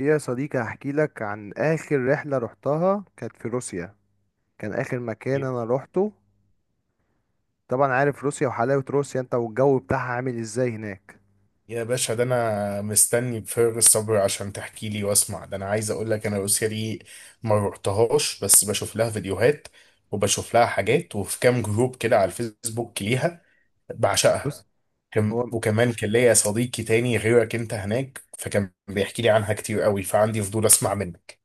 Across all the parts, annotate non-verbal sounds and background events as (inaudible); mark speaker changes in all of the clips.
Speaker 1: يا صديقي هحكي لك عن آخر رحلة رحتها، كانت في روسيا. كان آخر مكان أنا روحته. طبعا عارف روسيا وحلاوة روسيا أنت والجو بتاعها عامل إزاي هناك.
Speaker 2: يا باشا، ده انا مستني بفارغ الصبر عشان تحكي لي واسمع. ده انا عايز اقول لك، انا روسيا دي ما روحتهاش، بس بشوف لها فيديوهات وبشوف لها حاجات، وفي كام جروب كده على الفيسبوك ليها، بعشقها.
Speaker 1: بص، هو
Speaker 2: وكمان كان ليا صديقي تاني غيرك انت هناك، فكان بيحكي لي عنها كتير قوي، فعندي فضول اسمع منك.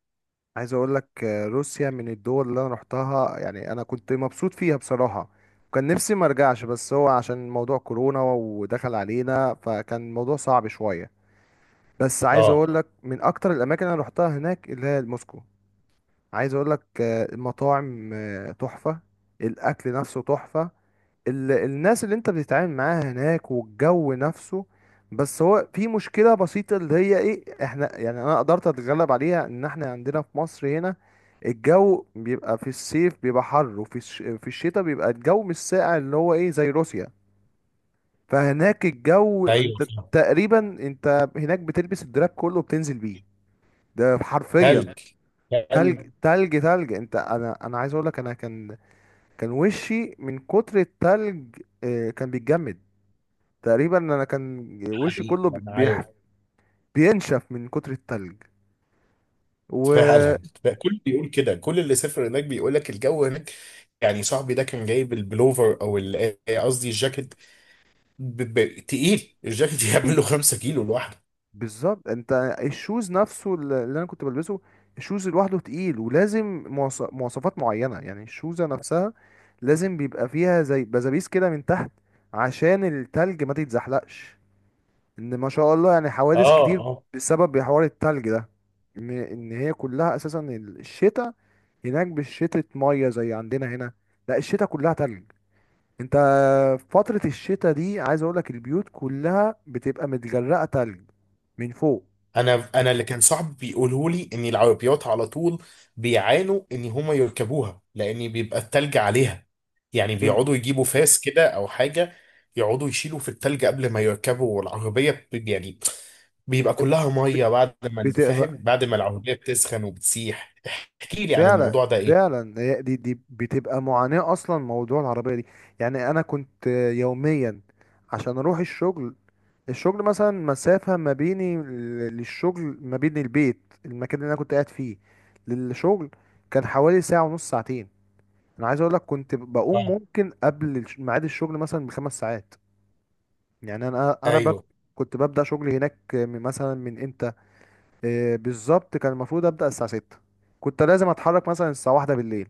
Speaker 1: عايز أقول لك روسيا من الدول اللي أنا روحتها، يعني أنا كنت مبسوط فيها بصراحة. وكان نفسي ما أرجعش، بس هو عشان موضوع كورونا ودخل علينا، فكان الموضوع صعب شوية. بس عايز
Speaker 2: اه.
Speaker 1: أقول لك من أكتر الأماكن اللي أنا روحتها هناك اللي هي موسكو. عايز أقول لك المطاعم تحفة. الأكل نفسه تحفة. الناس اللي انت بتتعامل معاها هناك والجو نفسه. بس هو في مشكلة بسيطة اللي هي ايه، احنا يعني انا قدرت اتغلب عليها، ان احنا عندنا في مصر هنا الجو بيبقى في الصيف بيبقى حر، وفي في الشتاء بيبقى الجو مش ساقع اللي هو ايه زي روسيا. فهناك الجو
Speaker 2: ايوه،
Speaker 1: انت
Speaker 2: فاهم.
Speaker 1: تقريبا انت هناك بتلبس الدراب كله وبتنزل بيه، ده حرفيا.
Speaker 2: تلج،
Speaker 1: تلج
Speaker 2: تلج.
Speaker 1: تلج تلج، انت انا عايز اقول لك، انا كان كان وشي من كتر التلج كان بيتجمد. تقريبا انا كان وشي
Speaker 2: حقيقي
Speaker 1: كله
Speaker 2: انا عارف.
Speaker 1: بينشف من كتر التلج.
Speaker 2: فعلا
Speaker 1: و
Speaker 2: بقى، كل بيقول كده، كل اللي سافر هناك بيقول لك الجو هناك. يعني صاحبي ده كان جايب البلوفر او قصدي الجاكيت، تقيل الجاكيت (laughs)
Speaker 1: (laughs)
Speaker 2: يعمل
Speaker 1: بي-
Speaker 2: له 5 كيلو لوحده.
Speaker 1: بالظبط انت. الشوز نفسه اللي انا كنت بلبسه، الشوز لوحده تقيل، ولازم مواصفات معينة يعني الشوزة نفسها لازم بيبقى فيها زي بزابيس كده من تحت، عشان التلج ما تتزحلقش. ان ما شاء الله يعني حوادث كتير اه،
Speaker 2: اه.
Speaker 1: بسبب حوار التلج ده. ان هي كلها اساسا الشتاء هناك مش شتاء ميه زي عندنا هنا. لا، الشتاء كلها تلج. انت في فترة الشتاء دي عايز اقول لك البيوت كلها بتبقى متجرقة تلج من فوق.
Speaker 2: انا اللي كان صاحبي بيقوله لي ان العربيات على طول بيعانوا ان هما يركبوها، لان بيبقى التلج عليها. يعني
Speaker 1: ايوه،
Speaker 2: بيقعدوا يجيبوا فاس كده او حاجه، يقعدوا يشيلوا في التلج قبل ما يركبوا العربيه، يعني بيبقى كلها
Speaker 1: ب-
Speaker 2: ميه بعد ما، فاهم،
Speaker 1: بتبقى
Speaker 2: بعد ما العربيه بتسخن وبتسيح. احكي لي عن
Speaker 1: فعلا
Speaker 2: الموضوع ده ايه.
Speaker 1: فعلا. هي دي بتبقى معاناة اصلا موضوع العربية دي. يعني انا كنت يوميا عشان اروح الشغل، الشغل مثلا مسافة ما بيني للشغل، ما بين البيت، المكان اللي انا كنت قاعد فيه، للشغل، كان حوالي ساعة ونص، ساعتين. انا عايز اقول لك كنت بقوم
Speaker 2: آه.
Speaker 1: ممكن قبل ميعاد الشغل مثلا بخمس ساعات. يعني
Speaker 2: ايوه.
Speaker 1: كنت ببدا شغلي هناك مثلا من امتى. بالظبط كان المفروض ابدا الساعه 6، كنت لازم اتحرك مثلا الساعه 1 بالليل.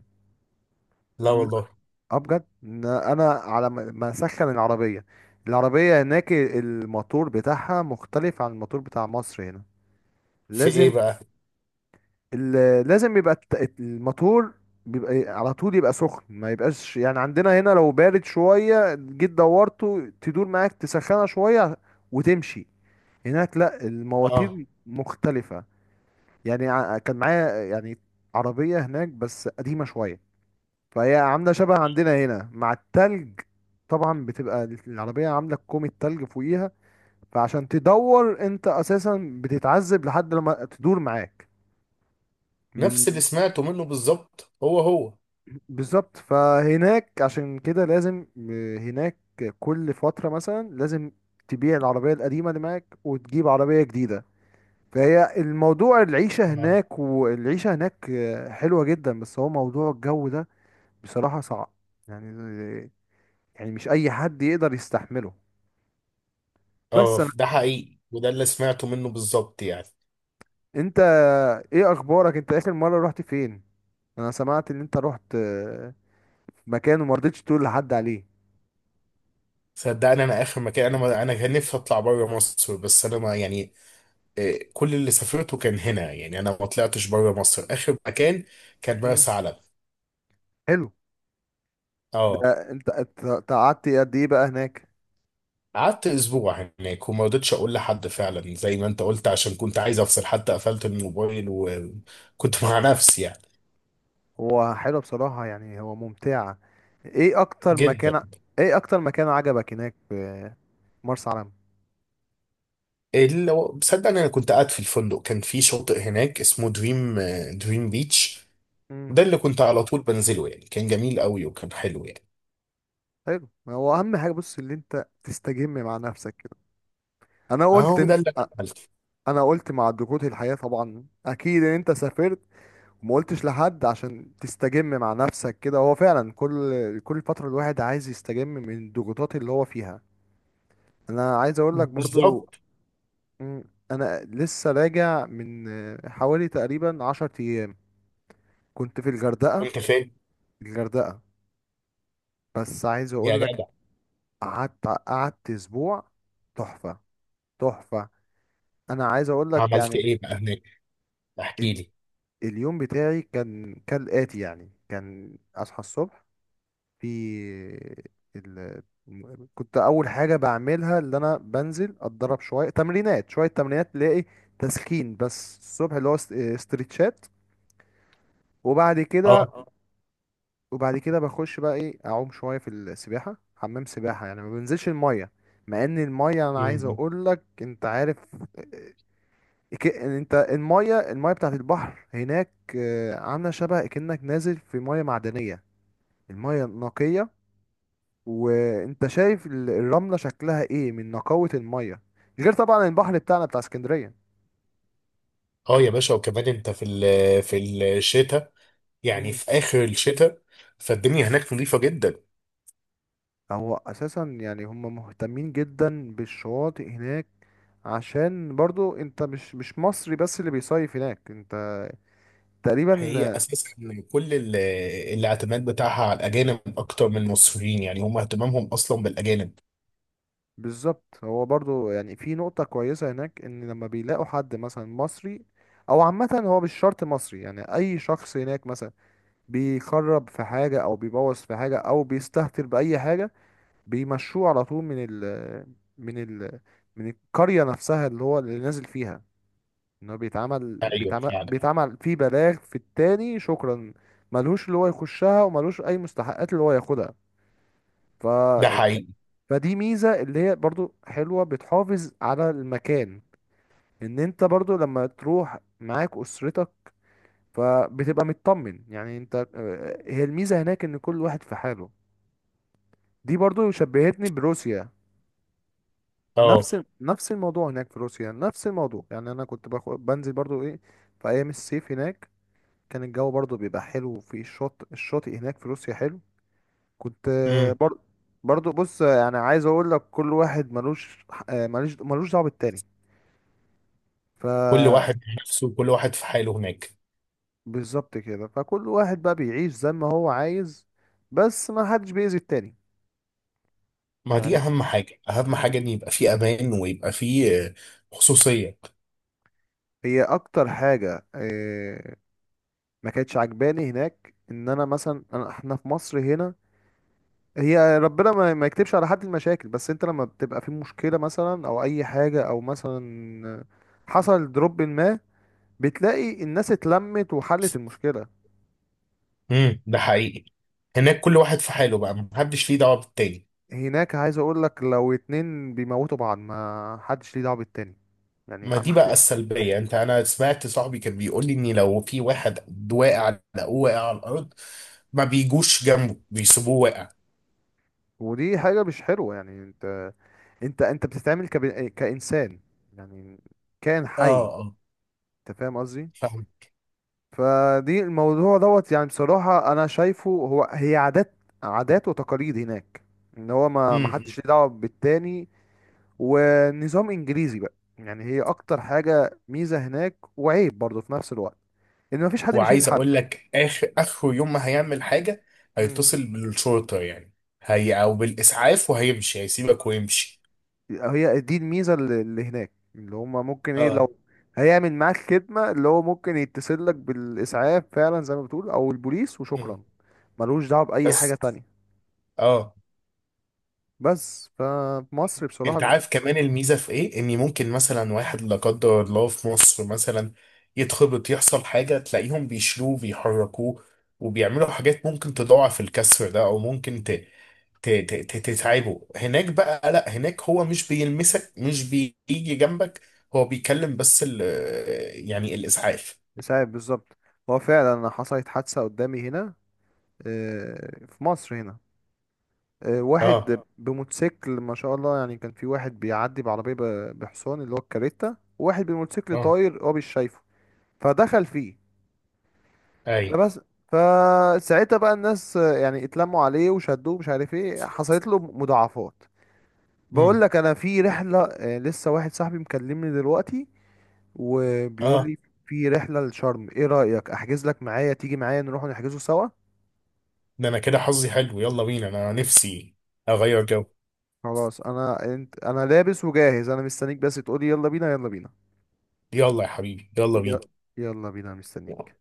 Speaker 2: لا
Speaker 1: إن-
Speaker 2: والله.
Speaker 1: اه بجد، إن انا على ما اسخن العربيه، العربيه هناك الموتور بتاعها مختلف عن الموتور بتاع مصر هنا.
Speaker 2: في ايه
Speaker 1: لازم
Speaker 2: بقى؟
Speaker 1: لازم يبقى الموتور بيبقى على طول يبقى سخن، ما يبقاش يعني عندنا هنا لو بارد شوية جيت دورته تدور معاك تسخنها شوية وتمشي. هناك لا،
Speaker 2: اه.
Speaker 1: المواتير مختلفة. يعني كان معايا يعني عربية هناك بس قديمة شوية، فهي عاملة شبه عندنا هنا مع التلج. طبعا بتبقى العربية عاملة كومة تلج فوقيها، فعشان تدور انت اساسا بتتعذب لحد لما تدور معاك.
Speaker 2: نفس اللي
Speaker 1: من
Speaker 2: سمعته منه بالظبط، هو هو.
Speaker 1: بالظبط. فهناك عشان كده لازم، هناك كل فترة مثلا لازم تبيع العربية القديمة اللي معاك وتجيب عربية جديدة. فهي الموضوع، العيشة
Speaker 2: اه،
Speaker 1: هناك، والعيشة هناك حلوة جدا، بس هو موضوع الجو ده بصراحة صعب. يعني يعني مش أي حد يقدر يستحمله. بس
Speaker 2: اه.
Speaker 1: أنا،
Speaker 2: ده حقيقي، وده اللي سمعته منه بالظبط يعني.
Speaker 1: أنت، إيه أخبارك، أنت آخر مرة رحت فين؟ أنا سمعت إن أنت رحت مكان وما رضيتش تقول لحد عليه.
Speaker 2: صدقني، انا اخر مكان، انا ما انا كان نفسي اطلع بره مصر، بس انا ما، يعني كل اللي سافرته كان هنا، يعني انا ما طلعتش بره مصر. اخر مكان كان
Speaker 1: مم.
Speaker 2: مرسى علم.
Speaker 1: حلو.
Speaker 2: اه.
Speaker 1: ده انت انت أنت قعدت قد ايه بقى هناك؟
Speaker 2: قعدت اسبوع هناك وما رضيتش اقول لحد، فعلا زي ما انت قلت، عشان كنت عايز افصل، حتى قفلت الموبايل وكنت مع نفسي يعني.
Speaker 1: هو حلو بصراحة، يعني هو ممتعة. ايه اكتر
Speaker 2: جدا.
Speaker 1: مكان، ايه اكتر مكان عجبك هناك في مرسى علم؟
Speaker 2: صدقني، انا كنت قاعد في الفندق، كان في شاطئ هناك اسمه دريم بيتش.
Speaker 1: امم
Speaker 2: وده اللي كنت على طول بنزله، يعني كان جميل قوي وكان حلو يعني.
Speaker 1: حلو. ما هو اهم حاجة بص اللي انت تستجم مع نفسك كده. انا قلت
Speaker 2: اهو
Speaker 1: إن...
Speaker 2: ده اللي أنا
Speaker 1: أ-
Speaker 2: عملته.
Speaker 1: انا قلت مع ضغوط الحياة طبعا، اكيد ان انت سافرت وما قلتش لحد عشان تستجم مع نفسك كده. هو فعلا كل فترة الواحد عايز يستجم من الضغوطات اللي هو فيها. انا عايز اقول لك برضو،
Speaker 2: بالظبط.
Speaker 1: مم. انا لسه راجع من حوالي تقريبا عشر ايام، كنت في الغردقه،
Speaker 2: انت فاهم.
Speaker 1: الغردقه. بس عايز
Speaker 2: يا
Speaker 1: اقول لك
Speaker 2: جدع.
Speaker 1: قعدت اسبوع، تحفه تحفه. انا عايز اقول لك
Speaker 2: عملت
Speaker 1: يعني
Speaker 2: ايه بقى هناك؟ احكي
Speaker 1: ال...
Speaker 2: لي.
Speaker 1: اليوم بتاعي كان كالاتي، يعني كان اصحى الصبح في ال... كنت اول حاجه بعملها اللي انا بنزل اتدرب شويه تمرينات، شويه تمرينات تلاقي تسخين بس الصبح اللي هو استرتشات. وبعد كده،
Speaker 2: اه.
Speaker 1: وبعد كده بخش بقى ايه اعوم شويه في السباحه، حمام سباحه، يعني ما بنزلش الميه. مع ان الميه انا عايز
Speaker 2: مم.
Speaker 1: اقول لك انت عارف، آه، انت الميه، الميه بتاعت البحر هناك عامله شبه كأنك نازل في ميه معدنيه، الميه نقيه وانت شايف الرمله شكلها ايه من نقاوه الميه، غير طبعا البحر بتاعنا بتاع اسكندريه.
Speaker 2: اه. يا باشا، وكمان انت في في الشتاء، يعني في اخر الشتاء، فالدنيا هناك نظيفه جدا.
Speaker 1: هو اساسا يعني هم مهتمين جدا بالشواطئ هناك، عشان برضو انت مش مصري بس اللي بيصيف هناك، انت تقريبا.
Speaker 2: هي اساسا كل ال- الاعتماد بتاعها على الاجانب اكتر من المصريين، يعني هم اهتمامهم اصلا بالاجانب.
Speaker 1: بالظبط هو برضو يعني في نقطة كويسة هناك ان لما بيلاقوا حد مثلا مصري او عامة، هو مش شرط مصري، يعني اي شخص هناك مثلا بيخرب في حاجة او بيبوظ في حاجة او بيستهتر بأي حاجة، بيمشوه على طول من ال من القرية نفسها اللي هو اللي نازل فيها. ان هو بيتعمل
Speaker 2: ايوه
Speaker 1: بيتعمل
Speaker 2: فعلا.
Speaker 1: بيتعمل في بلاغ في التاني، شكرا. ملهوش اللي هو يخشها، وملهوش اي مستحقات اللي هو ياخدها. ف
Speaker 2: ده
Speaker 1: ك-
Speaker 2: حقيقي.
Speaker 1: فدي ميزة اللي هي برضو حلوة، بتحافظ على المكان، ان انت برضو لما تروح معاك اسرتك فبتبقى مطمن، يعني انت هي الميزة هناك ان كل واحد في حاله. دي برضو شبهتني بروسيا.
Speaker 2: اه.
Speaker 1: نفس الموضوع، هناك في روسيا نفس الموضوع، يعني انا كنت باخد بنزل برضو ايه في ايام الصيف هناك كان الجو برضو بيبقى حلو في الشط، الشاطئ هناك في روسيا حلو. كنت
Speaker 2: امم
Speaker 1: برضو بص يعني عايز اقول لك كل واحد ملوش ملوش دعوه بالتاني.
Speaker 2: كل
Speaker 1: ف
Speaker 2: واحد نفسه، كل واحد في حاله هناك.
Speaker 1: بالظبط كده، فكل واحد بقى بيعيش زي ما هو عايز، بس ما حدش بيأذي التاني.
Speaker 2: ما دي
Speaker 1: يعني
Speaker 2: اهم حاجه، اهم حاجه ان يبقى في امان، ويبقى في خصوصيه.
Speaker 1: هي اكتر حاجه ما كانتش عجباني هناك ان انا مثلا احنا في مصر هنا، هي ربنا ما يكتبش على حد المشاكل، بس انت لما بتبقى في مشكلة مثلا او اي حاجة او مثلا حصل دروب ما، بتلاقي الناس اتلمت وحلت المشكلة.
Speaker 2: ده حقيقي. هناك كل واحد في حاله بقى، محدش ليه دعوه بالتاني.
Speaker 1: هناك عايز اقول لك لو اتنين بيموتوا بعض ما حدش ليه دعوة بالتاني. يعني ح-
Speaker 2: ما
Speaker 1: ما
Speaker 2: دي بقى
Speaker 1: حد
Speaker 2: السلبيه، انت، انا سمعت صاحبي كان بيقول لي ان لو في واحد واقع، لقوه واقع على الارض، ما بيجوش جنبه، بيسيبوه واقع.
Speaker 1: (laughs) ودي حاجة مش حلوة، يعني انت، انت بتتعامل كإنسان، يعني كائن
Speaker 2: اه،
Speaker 1: حي،
Speaker 2: اه،
Speaker 1: انت فاهم قصدي.
Speaker 2: فاهم.
Speaker 1: فدي الموضوع دوت يعني بصراحة أنا شايفه، هو هي عادات، عادات وتقاليد هناك، إن هو ما
Speaker 2: امم
Speaker 1: حدش ليه دعوة بالتاني، ونظام إنجليزي بقى. يعني هي أكتر حاجة ميزة هناك وعيب برضه في نفس الوقت، إن ما فيش حد بيشيل
Speaker 2: وعايز
Speaker 1: حد.
Speaker 2: اقول لك، اخر اخر يوم ما هيعمل حاجه،
Speaker 1: مم.
Speaker 2: هيتصل بالشرطه، يعني هي او بالاسعاف، وهيمشي، هيسيبك ويمشي.
Speaker 1: هي دي الميزة اللي هناك، اللي هما ممكن إيه
Speaker 2: اه.
Speaker 1: لو هيعمل معاك خدمة، اللي هو ممكن يتصل لك بالإسعاف فعلا زي ما بتقول أو البوليس،
Speaker 2: مم.
Speaker 1: وشكرا، ملوش دعوة بأي
Speaker 2: بس.
Speaker 1: حاجة تانية.
Speaker 2: اه.
Speaker 1: بس فمصر
Speaker 2: انت
Speaker 1: بصراحة،
Speaker 2: عارف كمان الميزه في ايه؟ ان ممكن مثلا واحد لا قدر الله في مصر مثلا يتخبط، يحصل حاجه، تلاقيهم بيشيلوه بيحركوه، وبيعملوا حاجات ممكن تضاعف الكسر ده، او ممكن تتعبه. هناك بقى لا، هناك هو مش بيلمسك، مش بيجي جنبك، هو بيكلم بس يعني الاسعاف.
Speaker 1: يساعد بالظبط. هو فعلا حصلت حادثة قدامي هنا في مصر هنا. واحد
Speaker 2: اه،
Speaker 1: اه بموتوسيكل، ما شاء الله، يعني كان في واحد بيعدي بعربية بحصان اللي هو الكاريتا، وواحد بموتوسيكل
Speaker 2: اه.
Speaker 1: طاير، هو مش شايفه، فدخل فيه.
Speaker 2: اي.
Speaker 1: فبس، فساعتها بقى الناس يعني اتلموا عليه وشدوه، مش عارف ايه حصلت له مضاعفات. بقول
Speaker 2: مم.
Speaker 1: لك انا في رحلة، لسه واحد صاحبي مكلمني دلوقتي وبيقول
Speaker 2: اه.
Speaker 1: لي في رحلة لشرم، ايه رأيك احجز لك معايا تيجي معايا نروح نحجزه سوا.
Speaker 2: ده انا كده حظي حلو، يلا بينا، انا نفسي اغير جو.
Speaker 1: خلاص انا، انت انا لابس وجاهز، انا مستنيك بس تقولي يلا بينا يلا بينا.
Speaker 2: يلا يا حبيبي، يلا بينا.
Speaker 1: ي- يلا بينا، مستنيك.